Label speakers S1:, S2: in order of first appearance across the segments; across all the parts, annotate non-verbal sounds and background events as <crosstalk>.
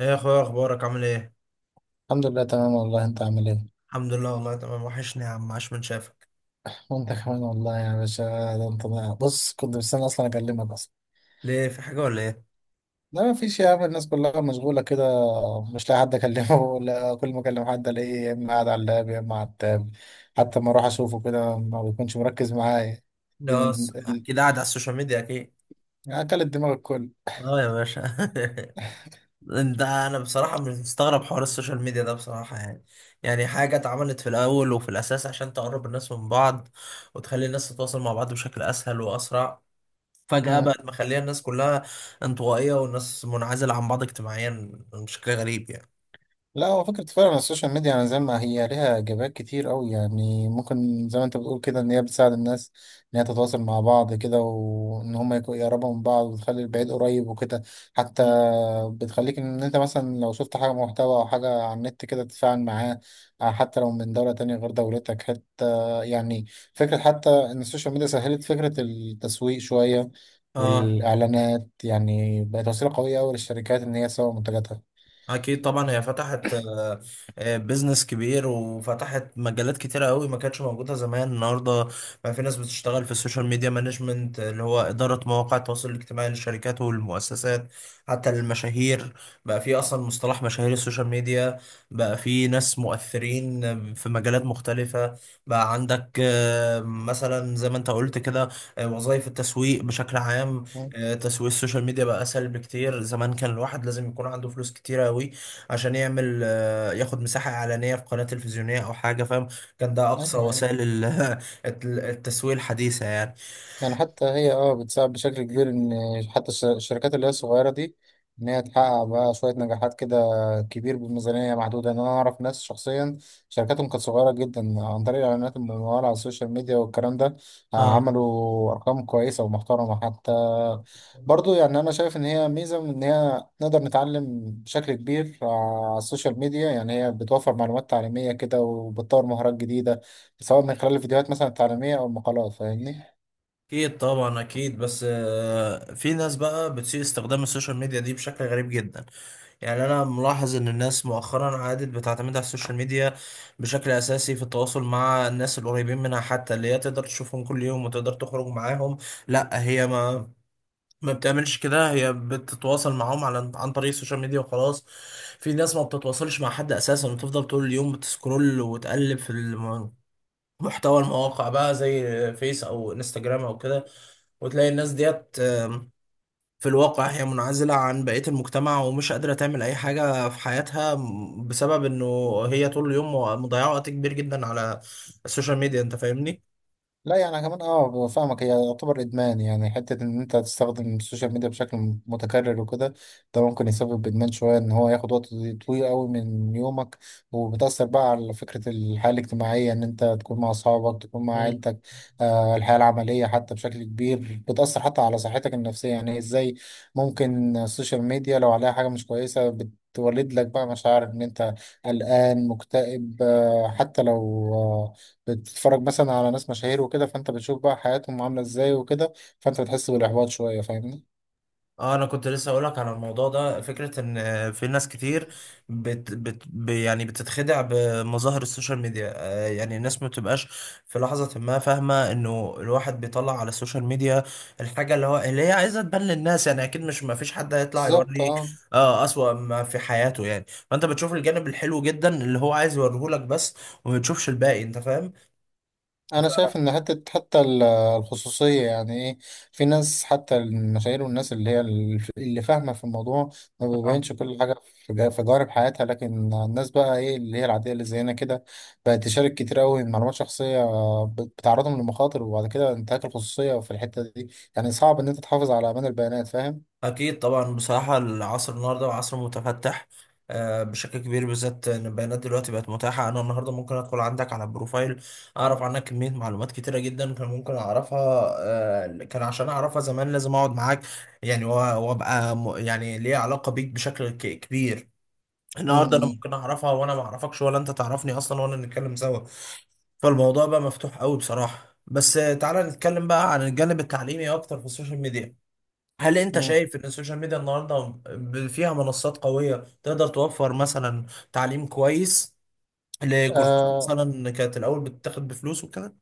S1: ايه يا اخويا، ايه اخبارك؟ عامل ايه؟
S2: الحمد لله، تمام والله. انت عامل ايه؟
S1: الحمد لله والله تمام، وحشني يا عم، عاش من شافك.
S2: وانت كمان والله يا باشا. بص، كنت مستني اصلا اكلمك اصلا.
S1: ليه، في حاجه ولا ايه؟
S2: لا ما فيش يا عم، الناس كلها مشغوله كده. مش لاقي حد اكلمه <laughs> ولا كل ما اكلم حد الاقيه يا اما قاعد على اللاب يا اما على التاب. حتى ما اروح اشوفه كده ما بيكونش مركز معايا.
S1: لا،
S2: الدن- ال-
S1: اكيد قاعد على السوشيال ميديا، اكيد.
S2: اكلت دماغ الكل.
S1: اه يا باشا. <laughs> انا بصراحه مش مستغرب حوار السوشيال ميديا ده، بصراحه يعني. يعني حاجه اتعملت في الاول وفي الاساس عشان تقرب الناس من بعض، وتخلي الناس تتواصل مع بعض بشكل اسهل واسرع، فجاه بقت مخليه الناس كلها انطوائيه، والناس منعزله عن بعض اجتماعيا بشكل غريب يعني.
S2: لا، هو فكرة فعلا السوشيال ميديا، يعني زي ما هي ليها إيجابيات كتير أوي، يعني ممكن زي ما أنت بتقول كده إن هي بتساعد الناس إن هي تتواصل مع بعض كده، وإن هما يقربوا من بعض وتخلي البعيد قريب وكده. حتى
S1: مم.
S2: بتخليك إن أنت مثلا لو شفت حاجة محتوى أو حاجة على النت كده تتفاعل معاه، حتى لو من دولة تانية غير دولتك حتى. يعني فكرة حتى إن السوشيال ميديا سهلت فكرة التسويق شوية،
S1: اه،
S2: والإعلانات يعني بقت وسيلة قوية أوي للشركات إن هي تسوق منتجاتها.
S1: اكيد طبعا، هي فتحت بيزنس كبير، وفتحت مجالات كتيره قوي ما كانتش موجوده زمان. النهارده بقى في ناس بتشتغل في السوشيال ميديا مانجمنت، اللي هو اداره مواقع التواصل الاجتماعي للشركات والمؤسسات، حتى للمشاهير. بقى في اصلا مصطلح مشاهير السوشيال ميديا، بقى في ناس مؤثرين في مجالات مختلفه. بقى عندك مثلا زي ما انت قلت كده، وظائف التسويق بشكل عام.
S2: مم.
S1: تسويق السوشيال ميديا بقى اسهل بكتير. زمان كان الواحد لازم يكون عنده فلوس كتيره قوي عشان يعمل ياخد مساحه اعلانيه في قناه تلفزيونيه او حاجه، فاهم. كان ده اقصى
S2: أيوه، أيوه.
S1: وسائل <laughs> التسويق الحديثه يعني.
S2: يعني حتى هي بتساعد بشكل كبير، ان حتى الشركات اللي هي الصغيره دي ان هي تحقق بقى شويه نجاحات كده كبير بميزانيه محدوده. ان انا اعرف ناس شخصيا شركاتهم كانت صغيره جدا، عن طريق الاعلانات المموله على السوشيال ميديا والكلام ده
S1: اه،
S2: عملوا ارقام كويسه ومحترمه حتى. برضو يعني انا شايف ان هي ميزه، من ان هي نقدر نتعلم بشكل كبير على السوشيال ميديا. يعني هي بتوفر معلومات تعليميه كده وبتطور مهارات جديده، سواء من خلال الفيديوهات مثلا التعليميه او المقالات، فاهمني.
S1: اكيد طبعا، اكيد. بس في ناس بقى بتسيء استخدام السوشيال ميديا دي بشكل غريب جدا. يعني انا ملاحظ ان الناس مؤخرا عادت بتعتمد على السوشيال ميديا بشكل اساسي في التواصل مع الناس القريبين منها، حتى اللي هي تقدر تشوفهم كل يوم وتقدر تخرج معاهم. لا، هي ما بتعملش كده، هي بتتواصل معاهم على عن طريق السوشيال ميديا وخلاص. في ناس ما بتتواصلش مع حد اساسا، وتفضل طول اليوم بتسكرول وتقلب في محتوى المواقع بقى، زي فيس او انستجرام او كده. وتلاقي الناس ديت في الواقع هي منعزلة عن بقية المجتمع، ومش قادرة تعمل أي حاجة في حياتها بسبب إنه هي طول اليوم مضيعة وقت كبير جدا على السوشيال ميديا. أنت فاهمني؟
S2: لا يعني أنا كمان فاهمك. هي يعتبر ادمان، يعني حته ان انت تستخدم السوشيال ميديا بشكل متكرر وكده، ده ممكن يسبب ادمان شويه، ان هو ياخد وقت طويل قوي من يومك، وبتاثر بقى على فكره الحياه الاجتماعيه ان انت تكون مع اصحابك، تكون مع عيلتك. الحياه العمليه حتى بشكل كبير بتاثر، حتى على صحتك النفسيه. يعني ازاي؟ ممكن السوشيال ميديا لو عليها حاجه مش كويسه بتولد لك بقى مشاعر ان انت قلقان، مكتئب، حتى لو، آه، بتتفرج مثلا على ناس مشاهير وكده، فانت بتشوف بقى حياتهم عامله ازاي وكده، فانت بتحس بالاحباط شويه، فاهمني.
S1: اه، انا كنت لسه اقولك على الموضوع ده، فكرة ان في ناس كتير يعني بتتخدع بمظاهر السوشيال ميديا. يعني الناس ما بتبقاش في لحظة ما فاهمة انه الواحد بيطلع على السوشيال ميديا الحاجة اللي هي عايزة تبان للناس. يعني اكيد مش، ما فيش حد هيطلع
S2: بالظبط
S1: يوري،
S2: اه.
S1: اه، اسوأ ما في حياته يعني، فانت بتشوف الجانب الحلو جدا اللي هو عايز يوريهولك بس، وما بتشوفش الباقي. انت
S2: انا شايف ان حتى الخصوصيه يعني ايه، في ناس حتى المشاهير والناس اللي هي اللي فاهمه في الموضوع ما
S1: فاهم.
S2: بيبينش كل حاجه في في جوانب حياتها. لكن الناس بقى ايه اللي هي العاديه اللي زينا كده بقت تشارك كتير قوي معلومات شخصيه، بتعرضهم لمخاطر، وبعد كده انتهاك الخصوصيه في الحته دي، يعني صعب ان انت تحافظ على امان البيانات، فاهم؟
S1: أكيد طبعا، بصراحة العصر النهاردة عصر متفتح بشكل كبير، بالذات إن البيانات دلوقتي بقت متاحة. أنا النهاردة ممكن أدخل عندك على البروفايل، أعرف عنك كمية معلومات كتيرة جدا كان ممكن أعرفها. كان عشان أعرفها زمان لازم أقعد معاك يعني، وأبقى يعني ليا علاقة بيك بشكل كبير. النهاردة أنا ممكن أعرفها وأنا ما أعرفكش ولا أنت تعرفني أصلا ولا نتكلم سوا. فالموضوع بقى مفتوح قوي بصراحة. بس تعالى نتكلم بقى عن الجانب التعليمي أكتر في السوشيال ميديا. هل انت شايف ان السوشيال ميديا النهارده فيها منصات قويه تقدر توفر مثلا تعليم كويس لكورسات
S2: امم
S1: مثلا كانت الاول بتتاخد بفلوس وكده؟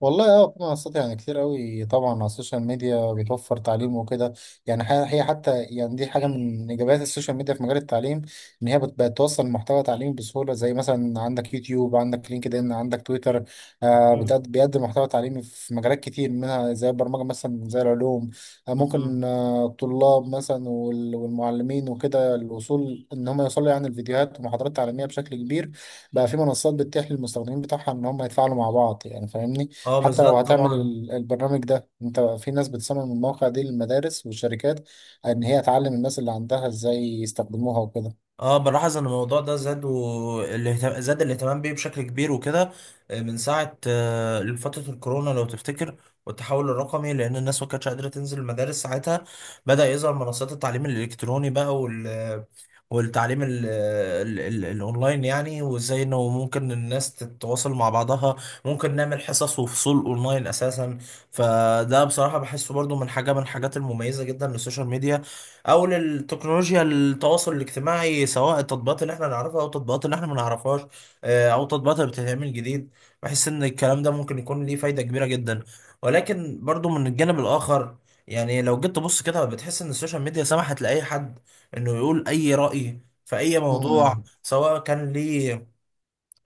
S2: والله في منصات يعني كتير قوي طبعا على السوشيال ميديا بتوفر تعليم وكده. يعني هي حتى يعني دي حاجه من ايجابيات السوشيال ميديا في مجال التعليم، ان هي بتوصل محتوى تعليمي بسهوله، زي مثلا عندك يوتيوب، عندك لينكد ان، عندك تويتر.
S1: مم.
S2: بيقدم محتوى تعليمي في مجالات كتير، منها زي البرمجه مثلا، زي العلوم.
S1: مم.
S2: ممكن الطلاب مثلا والمعلمين وكده الوصول، ان هم يوصلوا يعني الفيديوهات ومحاضرات تعليميه بشكل كبير. بقى في منصات بتتيح للمستخدمين بتاعها ان هم يتفاعلوا مع بعض، يعني فاهمني.
S1: اه،
S2: حتى
S1: بالذات
S2: لو هتعمل
S1: طبعا.
S2: البرنامج ده انت، في ناس بتصمم المواقع دي للمدارس والشركات، ان هي تعلم الناس اللي عندها ازاي يستخدموها وكده.
S1: اه، بلاحظ ان الموضوع ده زاد، والاهتمام زاد الاهتمام بيه بشكل كبير وكده، من ساعة فترة الكورونا لو تفتكر، والتحول الرقمي، لان الناس ما كانتش قادرة تنزل المدارس ساعتها. بدأ يظهر منصات التعليم الالكتروني بقى، والتعليم ال ال ال الاونلاين يعني، وازاي انه ممكن الناس تتواصل مع بعضها. ممكن نعمل حصص وفصول اونلاين اساسا. فده بصراحة بحسه برضو من حاجة، من الحاجات المميزة جدا للسوشيال ميديا، او للتكنولوجيا التواصل الاجتماعي، سواء التطبيقات اللي احنا نعرفها او التطبيقات اللي احنا ما نعرفهاش، او التطبيقات اللي بتتعمل جديد. بحس ان الكلام ده ممكن يكون ليه فايدة كبيرة جدا. ولكن برضو من الجانب الاخر، يعني لو جيت تبص كده بتحس ان السوشيال ميديا سمحت لاي حد انه يقول اي رأي في اي موضوع، سواء كان ليه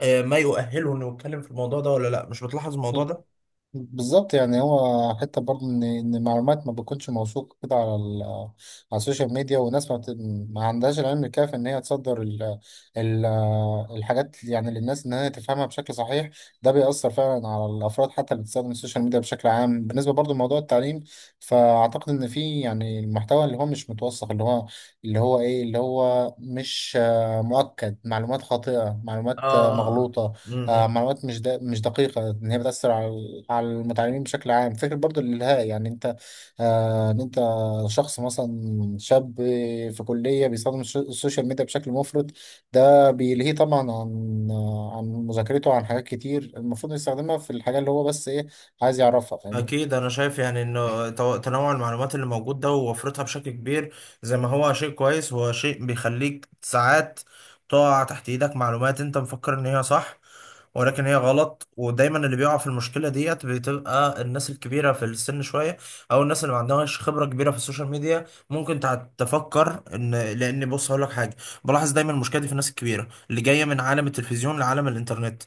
S1: ما يؤهله انه يتكلم في الموضوع ده ولا لا. مش بتلاحظ الموضوع
S2: مم.
S1: ده؟
S2: بالظبط. يعني هو حتى برضه ان المعلومات ما بتكونش موثوقه كده على على السوشيال ميديا، والناس ما عندهاش العلم الكافي ان هي تصدر ال... الحاجات، يعني للناس ان هي تفهمها بشكل صحيح. ده بيأثر فعلا على الافراد حتى اللي بتستخدم السوشيال ميديا بشكل عام، بالنسبه برضه لموضوع التعليم. فاعتقد ان في يعني المحتوى اللي هو مش متوثق، اللي هو مش مؤكد، معلومات خاطئه، معلومات
S1: اه.
S2: مغلوطه،
S1: آه.
S2: معلومات مش دقيقة، إن هي بتأثر على المتعلمين بشكل عام. فكرة برضو الإلهاء، يعني أنت، إن أنت شخص مثلا شاب في كلية بيستخدم السوشيال ميديا بشكل مفرط، ده بيلهيه طبعا عن مذاكرته، عن حاجات كتير المفروض يستخدمها في الحاجة اللي هو بس إيه عايز يعرفها، فاهمني.
S1: أكيد، أنا شايف يعني إنه تنوع المعلومات اللي موجود ده ووفرتها بشكل كبير، زي ما هو شيء كويس، هو شيء بيخليك ساعات تقع تحت إيدك معلومات أنت مفكر إن هي صح ولكن هي غلط. ودايما اللي بيقع في المشكلة ديت بتبقى الناس الكبيرة في السن شوية، أو الناس اللي ما عندهاش خبرة كبيرة في السوشيال ميديا، ممكن تفكر إن، لأن بص هقول لك حاجة، بلاحظ دايما المشكلة دي في الناس الكبيرة اللي جاية من عالم التلفزيون لعالم الإنترنت،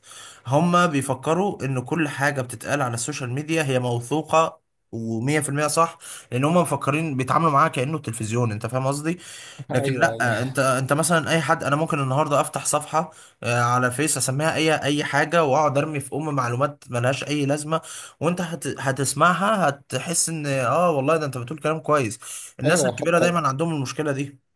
S1: هما بيفكروا ان كل حاجة بتتقال على السوشيال ميديا هي موثوقة ومية في المية صح، لان هما مفكرين بيتعاملوا معاها كأنه التلفزيون. انت فاهم قصدي؟
S2: <laughs>
S1: لكن
S2: أيوه، أيوه،
S1: لا، انت مثلا اي حد. انا ممكن النهاردة افتح صفحة على فيس اسميها اي حاجة، واقعد ارمي في ام معلومات ملهاش اي لازمة، وانت هتسمعها، هتحس ان اه والله ده انت بتقول كلام كويس. الناس
S2: أيوه،
S1: الكبيرة
S2: حتى
S1: دايما عندهم المشكلة دي.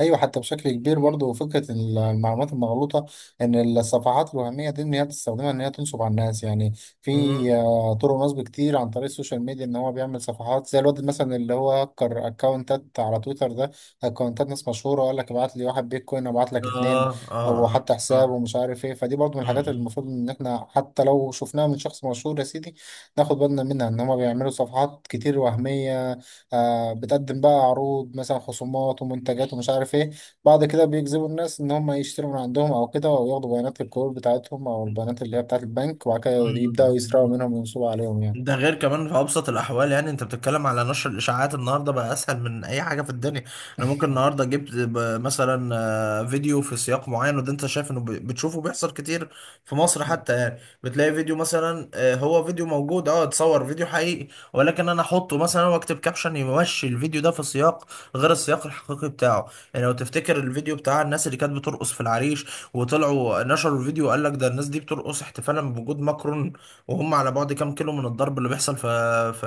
S2: ايوه، حتى بشكل كبير. برضه فكره المعلومات المغلوطه، ان الصفحات الوهميه دي ان هي بتستخدمها ان هي تنصب على الناس، يعني في
S1: مم.
S2: طرق نصب كتير عن طريق السوشيال ميديا. ان هو بيعمل صفحات زي الواد مثلا اللي هو هكر اكونتات على تويتر ده، اكونتات ناس مشهوره، وقال لك ابعت لي واحد بيتكوين ابعت لك
S1: اه،
S2: اتنين،
S1: اه،
S2: او
S1: اه.
S2: حتى حساب ومش عارف ايه. فدي برضه من
S1: اه.
S2: الحاجات اللي المفروض ان احنا حتى لو شفناها من شخص مشهور يا سيدي ناخد بالنا منها، ان هما بيعملوا صفحات كتير وهميه بتقدم بقى عروض مثلا خصومات ومنتجات ومش عارف ايه، بعد كده بيجذبوا الناس ان هم يشتروا من عندهم او كده، او ياخدوا بيانات الكور بتاعتهم او البيانات اللي هي بتاعت البنك، وبعد كده يبداوا يسرقوا
S1: مم.
S2: منهم وينصبوا عليهم، يعني.
S1: ده غير كمان في ابسط الاحوال، يعني انت بتتكلم على نشر الاشاعات، النهارده بقى اسهل من اي حاجه في الدنيا. انا ممكن النهارده جبت مثلا فيديو في سياق معين، وده انت شايف انه بتشوفه بيحصل كتير في مصر حتى. يعني بتلاقي فيديو مثلا، هو فيديو موجود، اه، اتصور فيديو حقيقي، ولكن انا احطه مثلا واكتب كابشن يمشي الفيديو ده في سياق غير السياق الحقيقي بتاعه. يعني لو تفتكر الفيديو بتاع الناس اللي كانت بترقص في العريش، وطلعوا نشروا الفيديو وقال لك ده الناس دي بترقص احتفالا بوجود ماكرون، وهم على بعد كام كيلو من الضرب اللي بيحصل في في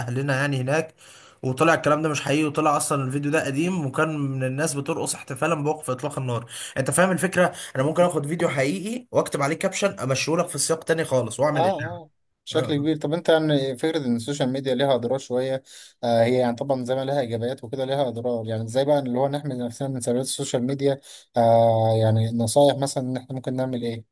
S1: اهلنا يعني هناك، وطلع الكلام ده مش حقيقي، وطلع اصلا الفيديو ده قديم وكان من الناس بترقص احتفالا بوقف اطلاق النار. انت فاهم الفكره؟ انا ممكن اخد فيديو حقيقي واكتب عليه كابشن امشيه لك في سياق تاني خالص
S2: اه،
S1: واعمل اشاعه.
S2: اه، بشكل
S1: اه،
S2: كبير. طب انت يعني فكرة ان السوشيال ميديا ليها اضرار شوية، هي يعني طبعا زي ما ليها ايجابيات وكده ليها اضرار، يعني ازاي بقى اللي هو نحمي نفسنا من سلبيات السوشيال ميديا، يعني نصايح مثلا ان احنا ممكن نعمل ايه؟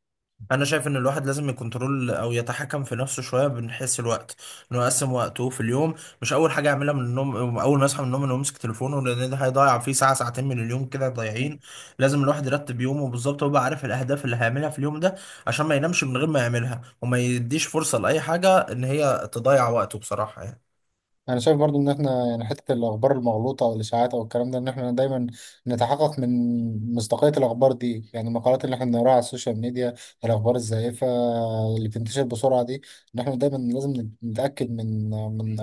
S1: انا شايف ان الواحد لازم يكنترول او يتحكم في نفسه شويه من حيث الوقت، انه يقسم وقته في اليوم. مش اول حاجه يعملها من النوم، اول ما يصحى من النوم انه يمسك تليفونه، لان ده هيضيع فيه ساعه ساعتين من اليوم كده ضايعين. لازم الواحد يرتب يومه بالظبط، ويبقى عارف الاهداف اللي هيعملها في اليوم ده، عشان ما ينامش من غير ما يعملها، وما يديش فرصه لاي حاجه ان هي تضيع وقته بصراحه يعني.
S2: انا شايف برضو ان احنا يعني حته الاخبار المغلوطه والاشاعات او الكلام ده، ان احنا دايما نتحقق من مصداقيه الاخبار دي، يعني المقالات اللي احنا بنقراها على السوشيال ميديا، الاخبار الزائفه اللي بتنتشر بسرعه دي، ان احنا دايما لازم نتاكد من من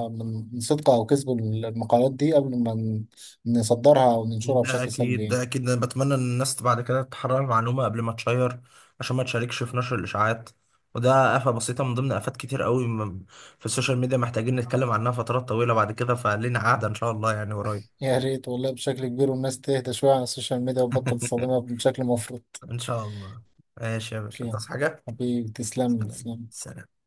S2: من صدق او كذب المقالات دي قبل ما نصدرها او ننشرها
S1: ده
S2: بشكل سلبي
S1: اكيد، ده
S2: يعني.
S1: اكيد. انا بتمنى ان الناس بعد كده تحرر المعلومه قبل ما تشير، عشان ما تشاركش في نشر الاشاعات، وده آفة بسيطة من ضمن آفات كتير قوي في السوشيال ميديا محتاجين نتكلم عنها فترات طويلة بعد كده. فلينا قعدة إن شاء الله يعني قريب.
S2: يا ريت والله بشكل كبير، والناس تهدى شويه على السوشيال ميديا وتبطل تصطدمها
S1: <laughs>
S2: بشكل مفروض.
S1: إن شاء الله. ماشي يا باشا،
S2: اوكي.
S1: تصحى حاجة.
S2: حبيبي تسلم لي،
S1: سلام
S2: تسلم.
S1: سلام.